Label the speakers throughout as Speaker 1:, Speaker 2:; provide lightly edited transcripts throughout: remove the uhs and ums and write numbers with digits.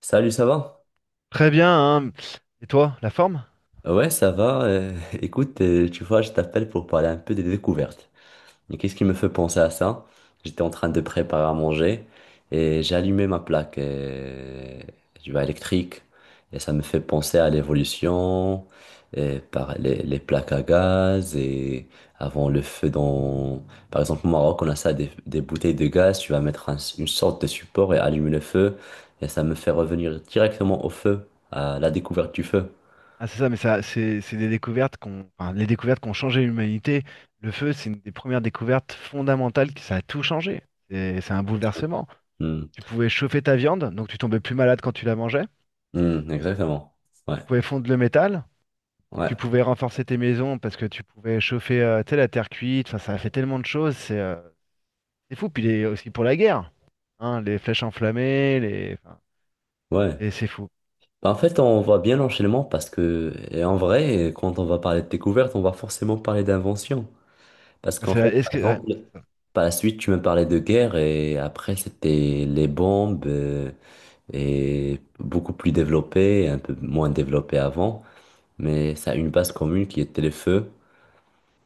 Speaker 1: Salut, ça va?
Speaker 2: Très bien, hein. Et toi, la forme?
Speaker 1: Ouais, ça va. Écoute, tu vois, je t'appelle pour parler un peu des découvertes. Mais qu'est-ce qui me fait penser à ça? J'étais en train de préparer à manger et j'ai allumé ma plaque tu vois, électrique. Et ça me fait penser à l'évolution, et par les plaques à gaz et avant le feu dans. Par exemple, au Maroc, on a ça, des bouteilles de gaz. Tu vas mettre une sorte de support et allumer le feu. Et ça me fait revenir directement au feu, à la découverte du feu.
Speaker 2: Ah, c'est ça, mais ça, c'est des découvertes qu'on, enfin, les découvertes qui ont changé l'humanité. Le feu, c'est une des premières découvertes fondamentales qui, ça a tout changé. C'est un
Speaker 1: Sûr.
Speaker 2: bouleversement.
Speaker 1: Hmm.
Speaker 2: Tu pouvais chauffer ta viande, donc tu tombais plus malade quand tu la mangeais.
Speaker 1: Hmm, exactement. Ouais,
Speaker 2: Tu pouvais fondre le métal. Tu
Speaker 1: ouais,
Speaker 2: pouvais renforcer tes maisons parce que tu pouvais chauffer, tu sais, la terre cuite. Enfin, ça a fait tellement de choses. C'est fou. Puis aussi pour la guerre, hein, les flèches enflammées, les, enfin,
Speaker 1: ouais.
Speaker 2: c'est fou.
Speaker 1: Bah, en fait, on voit bien l'enchaînement parce que, et en vrai, quand on va parler de découverte, on va forcément parler d'invention. Parce qu'en fait,
Speaker 2: Est-ce
Speaker 1: par
Speaker 2: que, ouais,
Speaker 1: exemple,
Speaker 2: c'est ça.
Speaker 1: par la suite, tu me parlais de guerre et après, c'était les bombes et beaucoup plus développées, un peu moins développées avant. Mais ça a une base commune qui était les feux.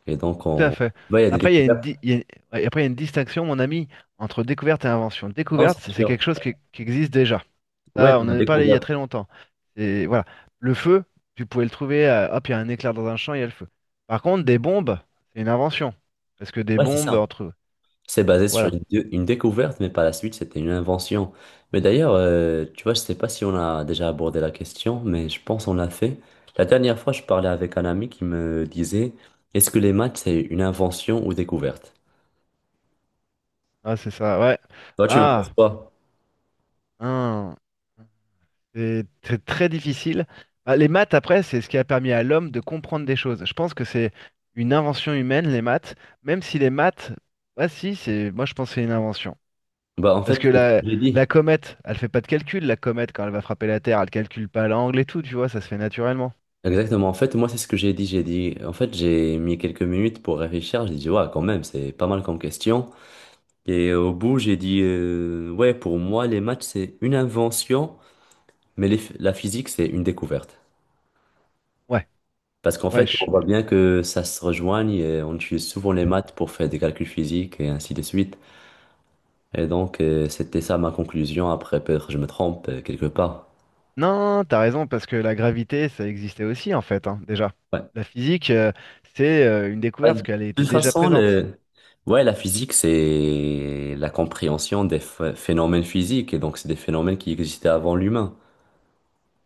Speaker 1: Et donc,
Speaker 2: Tout à
Speaker 1: on.
Speaker 2: fait.
Speaker 1: Ouais, il y a des
Speaker 2: Après, il y a
Speaker 1: découvertes.
Speaker 2: ouais, après, il y a une distinction, mon ami, entre découverte et invention.
Speaker 1: Non, c'est
Speaker 2: Découverte, c'est
Speaker 1: sûr.
Speaker 2: quelque chose qui existe déjà.
Speaker 1: Ouais,
Speaker 2: Ça, on en
Speaker 1: qu'on a
Speaker 2: a parlé il y a
Speaker 1: découvert.
Speaker 2: très longtemps. Et voilà. Le feu, tu pouvais le trouver, hop, il y a un éclair dans un champ, il y a le feu. Par contre, des bombes, c'est une invention. Parce que des
Speaker 1: Ouais, c'est
Speaker 2: bombes,
Speaker 1: ça.
Speaker 2: entre...
Speaker 1: C'est basé sur
Speaker 2: Voilà.
Speaker 1: une découverte, mais par la suite, c'était une invention. Mais d'ailleurs, tu vois, je sais pas si on a déjà abordé la question, mais je pense qu'on l'a fait. La dernière fois, je parlais avec un ami qui me disait, est-ce que les maths, c'est une invention ou découverte?
Speaker 2: Ah, c'est ça, ouais.
Speaker 1: Toi, tu en penses
Speaker 2: Ah,
Speaker 1: quoi?
Speaker 2: hein. C'est très difficile. Ah, les maths, après, c'est ce qui a permis à l'homme de comprendre des choses. Je pense que c'est une invention humaine, les maths, même si les maths, ah si, c'est, moi je pense que c'est une invention.
Speaker 1: Bah, en
Speaker 2: Parce
Speaker 1: fait,
Speaker 2: que
Speaker 1: c'est ce que j'ai dit.
Speaker 2: la comète, elle fait pas de calcul, la comète, quand elle va frapper la Terre, elle calcule pas l'angle et tout, tu vois, ça se fait naturellement.
Speaker 1: Exactement. En fait, moi, c'est ce que j'ai dit. J'ai dit, en fait, j'ai mis quelques minutes pour réfléchir. J'ai dit, ouais, quand même, c'est pas mal comme question. Et au bout, j'ai dit, ouais, pour moi, les maths, c'est une invention, mais la physique, c'est une découverte.
Speaker 2: Ouais,
Speaker 1: Parce qu'en
Speaker 2: ouais,
Speaker 1: fait, on
Speaker 2: je-
Speaker 1: voit bien que ça se rejoigne et on utilise souvent les maths pour faire des calculs physiques et ainsi de suite. Et donc, c'était ça ma conclusion. Après, peut-être je me trompe quelque part.
Speaker 2: non, t'as raison, parce que la gravité, ça existait aussi, en fait, hein, déjà.
Speaker 1: Ouais.
Speaker 2: La physique, c'est une
Speaker 1: Bah,
Speaker 2: découverte, parce
Speaker 1: de
Speaker 2: qu'elle était
Speaker 1: toute
Speaker 2: déjà
Speaker 1: façon,
Speaker 2: présente.
Speaker 1: le. Ouais, la physique, c'est la compréhension des phénomènes physiques et donc c'est des phénomènes qui existaient avant l'humain.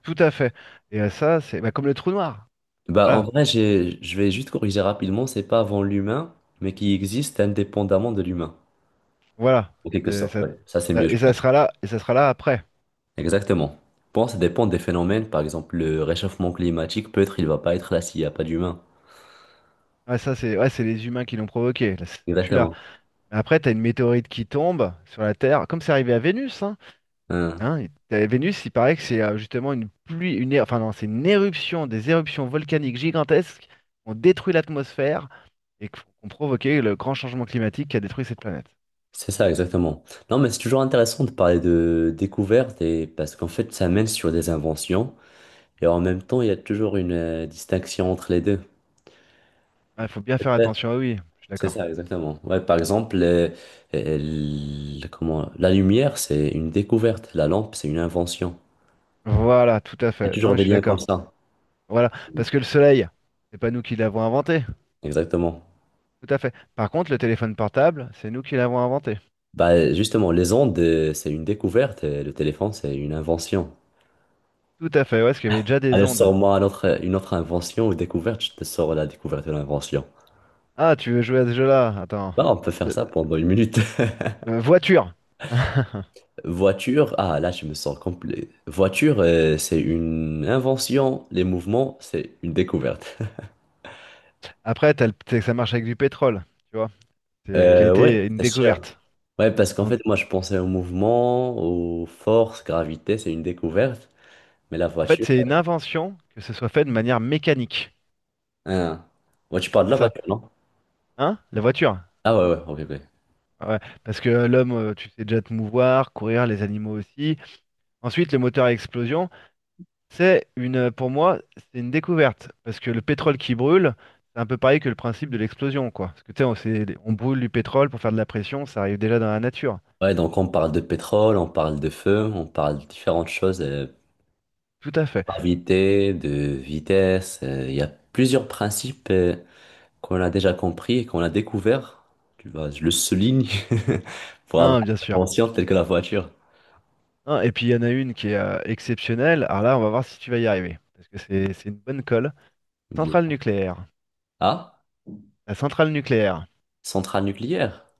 Speaker 2: Tout à fait. Et ça, c'est bah, comme le trou noir.
Speaker 1: Bah, en
Speaker 2: Voilà,
Speaker 1: vrai, je vais juste corriger rapidement, c'est pas avant l'humain, mais qui existe indépendamment de l'humain,
Speaker 2: voilà.
Speaker 1: en quelque
Speaker 2: C'est-
Speaker 1: sorte.
Speaker 2: ça-
Speaker 1: Ouais. Ça, c'est mieux, je
Speaker 2: et ça
Speaker 1: pense.
Speaker 2: sera là, et ça sera là après.
Speaker 1: Exactement. Bon, ça dépend des phénomènes. Par exemple, le réchauffement climatique, peut-être il va pas être là s'il n'y a pas d'humains.
Speaker 2: Ouais, ça, c'est ouais, c'est les humains qui l'ont provoqué, là, c'est celui-là.
Speaker 1: Exactement.
Speaker 2: Mais après, t'as une météorite qui tombe sur la Terre, comme c'est arrivé à Vénus, hein.
Speaker 1: Hein.
Speaker 2: Hein, Vénus, il paraît que c'est justement une pluie, une, é- enfin non, c'est une éruption, des éruptions volcaniques gigantesques qui ont détruit l'atmosphère et qui ont provoqué le grand changement climatique qui a détruit cette planète.
Speaker 1: C'est ça, exactement. Non, mais c'est toujours intéressant de parler de découvertes et parce qu'en fait, ça mène sur des inventions et en même temps, il y a toujours une distinction entre les deux.
Speaker 2: Il faut bien faire
Speaker 1: Peut-être.
Speaker 2: attention, ah oui, je suis
Speaker 1: C'est
Speaker 2: d'accord.
Speaker 1: ça, exactement. Ouais, par exemple, comment, la lumière, c'est une découverte. La lampe, c'est une invention.
Speaker 2: Voilà, tout à
Speaker 1: Il y a
Speaker 2: fait. Non,
Speaker 1: toujours
Speaker 2: mais je
Speaker 1: des
Speaker 2: suis
Speaker 1: liens comme
Speaker 2: d'accord.
Speaker 1: ça.
Speaker 2: Voilà, parce que le Soleil, c'est pas nous qui l'avons inventé.
Speaker 1: Exactement.
Speaker 2: Tout à fait. Par contre, le téléphone portable, c'est nous qui l'avons inventé.
Speaker 1: Bah, justement, les ondes, c'est une découverte, et le téléphone, c'est une invention.
Speaker 2: Tout à fait, ouais, parce qu'il y avait déjà des
Speaker 1: Allez,
Speaker 2: ondes.
Speaker 1: sors-moi une autre invention ou découverte, je te sors la découverte de l'invention.
Speaker 2: Ah, tu veux jouer à ce jeu-là? Attends.
Speaker 1: Bah, on peut faire
Speaker 2: Euh,
Speaker 1: ça pendant une minute.
Speaker 2: voiture.
Speaker 1: Voiture, ah là, je me sens complet. Voiture, c'est une invention, les mouvements, c'est une découverte.
Speaker 2: Après, c'est que ça marche avec du pétrole, tu vois, c'est, qui a
Speaker 1: Ouais,
Speaker 2: été une
Speaker 1: c'est sûr.
Speaker 2: découverte.
Speaker 1: Ouais, parce qu'en
Speaker 2: Donc,
Speaker 1: fait, moi, je pensais au mouvement, aux forces, gravité, c'est une découverte. Mais la
Speaker 2: en fait,
Speaker 1: voiture,
Speaker 2: c'est une invention que ce soit fait de manière mécanique.
Speaker 1: hein. Ouais, tu parles de
Speaker 2: C'est
Speaker 1: la
Speaker 2: ça.
Speaker 1: voiture, non?
Speaker 2: Hein? La voiture.
Speaker 1: Ah ouais, ouais, ok, ok.
Speaker 2: Ouais. Parce que l'homme, tu sais déjà te mouvoir, courir, les animaux aussi. Ensuite, le moteur à explosion. Pour moi, c'est une découverte. Parce que le pétrole qui brûle, c'est un peu pareil que le principe de l'explosion, quoi. Parce que tu sais, on brûle du pétrole pour faire de la pression, ça arrive déjà dans la nature.
Speaker 1: Ouais, donc on parle de pétrole, on parle de feu, on parle de différentes choses,
Speaker 2: Tout à fait.
Speaker 1: gravité, de vitesse. Il y a plusieurs principes qu'on a déjà compris et qu'on a découvert. Tu vois, je le souligne pour avoir
Speaker 2: Non, bien
Speaker 1: une
Speaker 2: sûr.
Speaker 1: invention telle que la voiture.
Speaker 2: Non, et puis il y en a une qui est exceptionnelle. Alors là, on va voir si tu vas y arriver. Parce que c'est une bonne colle. Centrale
Speaker 1: Dis-moi.
Speaker 2: nucléaire.
Speaker 1: Ah,
Speaker 2: La centrale nucléaire.
Speaker 1: centrale nucléaire.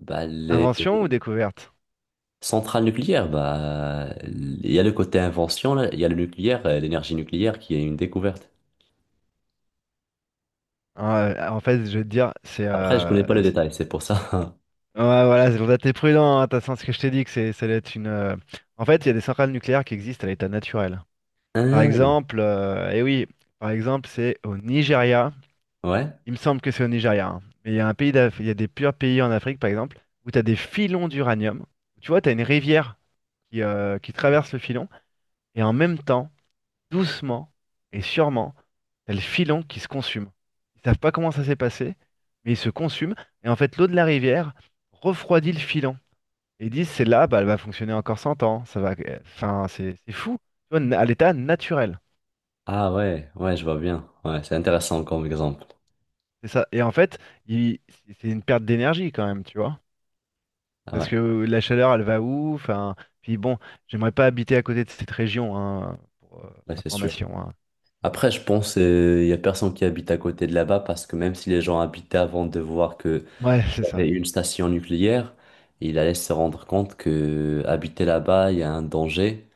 Speaker 1: Bah, les
Speaker 2: Invention ou découverte?
Speaker 1: centrales nucléaires, bah, il y a le côté invention, là, il y a le nucléaire, l'énergie nucléaire qui est une découverte.
Speaker 2: Ah, en fait, je vais te dire,
Speaker 1: Après, je connais pas le détail, c'est pour ça.
Speaker 2: ouais, voilà, c'est pour ça que t'es prudent, hein, t'as senti ce que je t'ai dit, que c'est, ça allait être une... En fait, il y a des centrales nucléaires qui existent à l'état naturel. Par
Speaker 1: Ah,
Speaker 2: exemple, et oui, par exemple, c'est au Nigeria.
Speaker 1: ouais.
Speaker 2: Il me semble que c'est au Nigeria, hein. Mais il y a il y a des purs pays en Afrique, par exemple, où tu as des filons d'uranium. Tu vois, tu as une rivière qui traverse le filon, et en même temps, doucement et sûrement, t'as le filon qui se consume. Ils savent pas comment ça s'est passé, mais il se consume. Et en fait, l'eau de la rivière refroidit le filon. Et ils disent, c'est là, bah, elle va fonctionner encore 100 ans. Ça va... Enfin, c'est fou. Tu vois, à l'état naturel.
Speaker 1: Ah ouais, ouais, je vois bien. Ouais, c'est intéressant comme exemple.
Speaker 2: C'est ça. Et en fait, il- c'est une perte d'énergie quand même, tu vois.
Speaker 1: Ah
Speaker 2: Parce
Speaker 1: ouais,
Speaker 2: que la chaleur, elle va où? Enfin, puis bon, j'aimerais pas habiter à côté de cette région, hein, pour
Speaker 1: ouais, c'est sûr.
Speaker 2: information, hein.
Speaker 1: Après, je pense qu'il y a personne qui habite à côté de là-bas parce que même si les gens habitaient avant de voir que
Speaker 2: Ouais, c'est
Speaker 1: y
Speaker 2: ça.
Speaker 1: avait une station nucléaire, ils allaient se rendre compte que habiter là-bas, il y a un danger.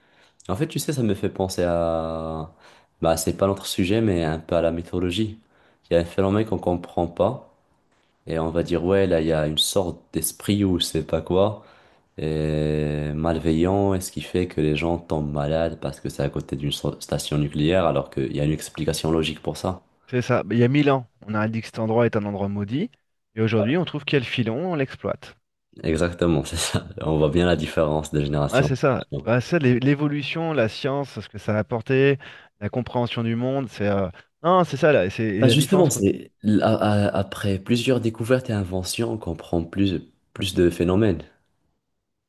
Speaker 1: En fait, tu sais, ça me fait penser à. Bah, c'est pas notre sujet, mais un peu à la mythologie. Il y a un phénomène qu'on comprend pas et on va dire, ouais, là, il y a une sorte d'esprit ou je sais pas quoi. Et malveillant, et ce qui fait que les gens tombent malades parce que c'est à côté d'une station nucléaire, alors qu'il y a une explication logique pour ça.
Speaker 2: C'est ça. Il y a 1000 ans, on a dit que cet endroit est un endroit maudit. Et aujourd'hui, on trouve qu'il y a le filon, on l'exploite.
Speaker 1: Exactement, c'est ça. On voit bien la différence de
Speaker 2: Ouais,
Speaker 1: génération en
Speaker 2: c'est ça.
Speaker 1: génération.
Speaker 2: Ouais, ça, l'évolution, la science, ce que ça a apporté, la compréhension du monde, c'est... Non, c'est ça, là. C'est et
Speaker 1: Bah
Speaker 2: la
Speaker 1: justement,
Speaker 2: différence...
Speaker 1: c'est après plusieurs découvertes et inventions, on comprend plus, plus de phénomènes.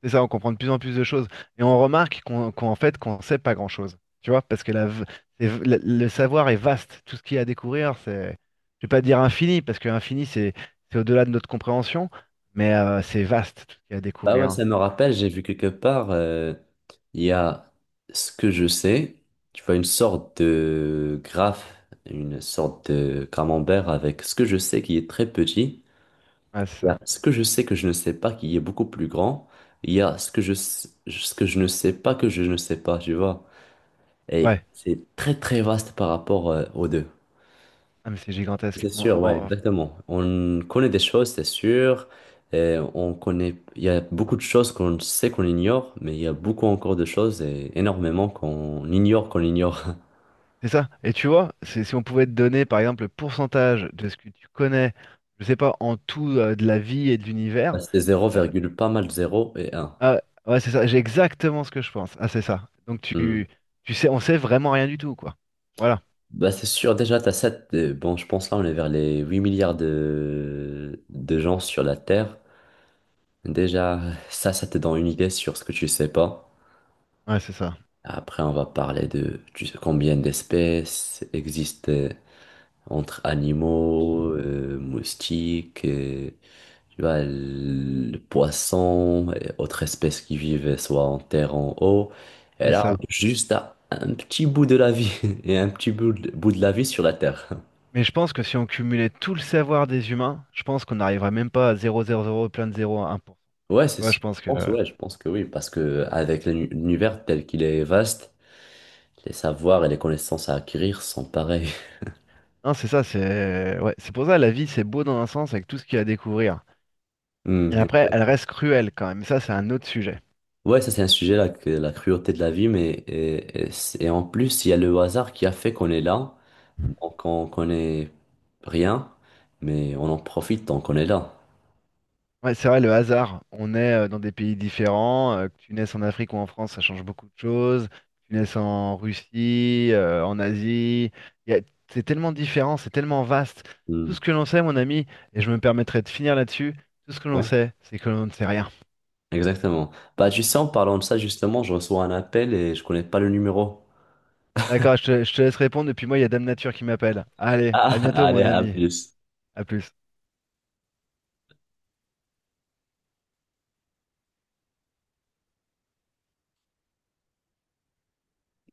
Speaker 2: C'est ça, on comprend de plus en plus de choses. Et on remarque qu'on, qu'en fait, qu'on sait pas grand-chose. Tu vois, parce que la, v- c'est v- la- le savoir est vaste. Tout ce qu'il y a à découvrir, c'est, je vais pas dire infini, parce que infini, c'est au-delà de notre compréhension, mais c'est vaste tout ce qu'il y a à
Speaker 1: Bah ouais,
Speaker 2: découvrir.
Speaker 1: ça me rappelle, j'ai vu quelque part, il y a ce que je sais, tu vois, une sorte de graphe, une sorte de camembert avec ce que je sais qui est très petit.
Speaker 2: Ouais, c'est
Speaker 1: Il y
Speaker 2: ça.
Speaker 1: a ce que je sais que je ne sais pas qui est beaucoup plus grand. Il y a ce que je ne sais pas que je ne sais pas, tu vois. Et
Speaker 2: Ouais,
Speaker 1: c'est très très vaste par rapport aux deux.
Speaker 2: ah, mais c'est gigantesque.
Speaker 1: C'est sûr, ouais, exactement. On connaît des choses, c'est sûr. Et on connaît, il y a beaucoup de choses qu'on sait qu'on ignore, mais il y a beaucoup encore de choses et énormément qu'on ignore qu'on ignore.
Speaker 2: C'est ça. Et tu vois, c'est, si on pouvait te donner, par exemple, le pourcentage de ce que tu connais, je sais pas, en tout de la vie et de l'univers,
Speaker 1: C'est zéro
Speaker 2: euh,
Speaker 1: virgule pas mal zéro et un.
Speaker 2: ah, ouais, c'est ça, j'ai exactement ce que je pense. Ah, c'est ça. Donc
Speaker 1: Hmm.
Speaker 2: tu sais, on sait vraiment rien du tout, quoi. Voilà.
Speaker 1: Bah, c'est sûr, déjà, t'as 7, bon, je pense là, on est vers les 8 milliards de gens sur la Terre. Déjà, ça te donne une idée sur ce que tu sais pas.
Speaker 2: Ouais, c'est ça.
Speaker 1: Après, on va parler de tu sais, combien d'espèces existent entre animaux, moustiques, tu vois, le poisson, et autres espèces qui vivent soit en terre, en eau. Et
Speaker 2: C'est
Speaker 1: là, on
Speaker 2: ça.
Speaker 1: touche juste à un petit bout de la vie et un petit bout de la vie sur la Terre.
Speaker 2: Mais je pense que si on cumulait tout le savoir des humains, je pense qu'on n'arriverait même pas à zéro zéro zéro plein de zéro à 1%.
Speaker 1: Ouais, c'est
Speaker 2: Tu vois,
Speaker 1: ce-
Speaker 2: je
Speaker 1: je
Speaker 2: pense que...
Speaker 1: pense, ouais, je pense que oui, parce que avec l'univers tel qu'il est vaste, les savoirs et les connaissances à acquérir sont pareils.
Speaker 2: Non, c'est ça, c'est... Ouais, c'est pour ça la vie, c'est beau dans un sens avec tout ce qu'il y a à découvrir.
Speaker 1: Hmm,
Speaker 2: Et après, elle
Speaker 1: exact.
Speaker 2: reste cruelle quand même. Ça, c'est un autre sujet.
Speaker 1: Ouais, ça c'est un sujet là, que la cruauté de la vie, mais et c'est- et en plus, il y a le hasard qui a fait qu'on est là, donc on connaît rien, mais on en profite tant qu'on est là.
Speaker 2: Ouais, c'est vrai, le hasard. On est dans des pays différents, que tu naisses en Afrique ou en France, ça change beaucoup de choses. Que tu naisses en Russie, en Asie. Il y a- C'est tellement différent, c'est tellement vaste.
Speaker 1: Hmm,
Speaker 2: Tout ce que l'on sait, mon ami, et je me permettrai de finir là-dessus, tout ce que l'on
Speaker 1: ouais,
Speaker 2: sait, c'est que l'on ne sait rien.
Speaker 1: exactement. Bah, tu sais, en parlant de ça, justement, je reçois un appel et je connais pas le numéro.
Speaker 2: D'accord, je te laisse répondre, et puis moi, il y a Dame Nature qui m'appelle. Allez, à
Speaker 1: Ah,
Speaker 2: bientôt,
Speaker 1: allez,
Speaker 2: mon
Speaker 1: à
Speaker 2: ami.
Speaker 1: plus.
Speaker 2: À plus.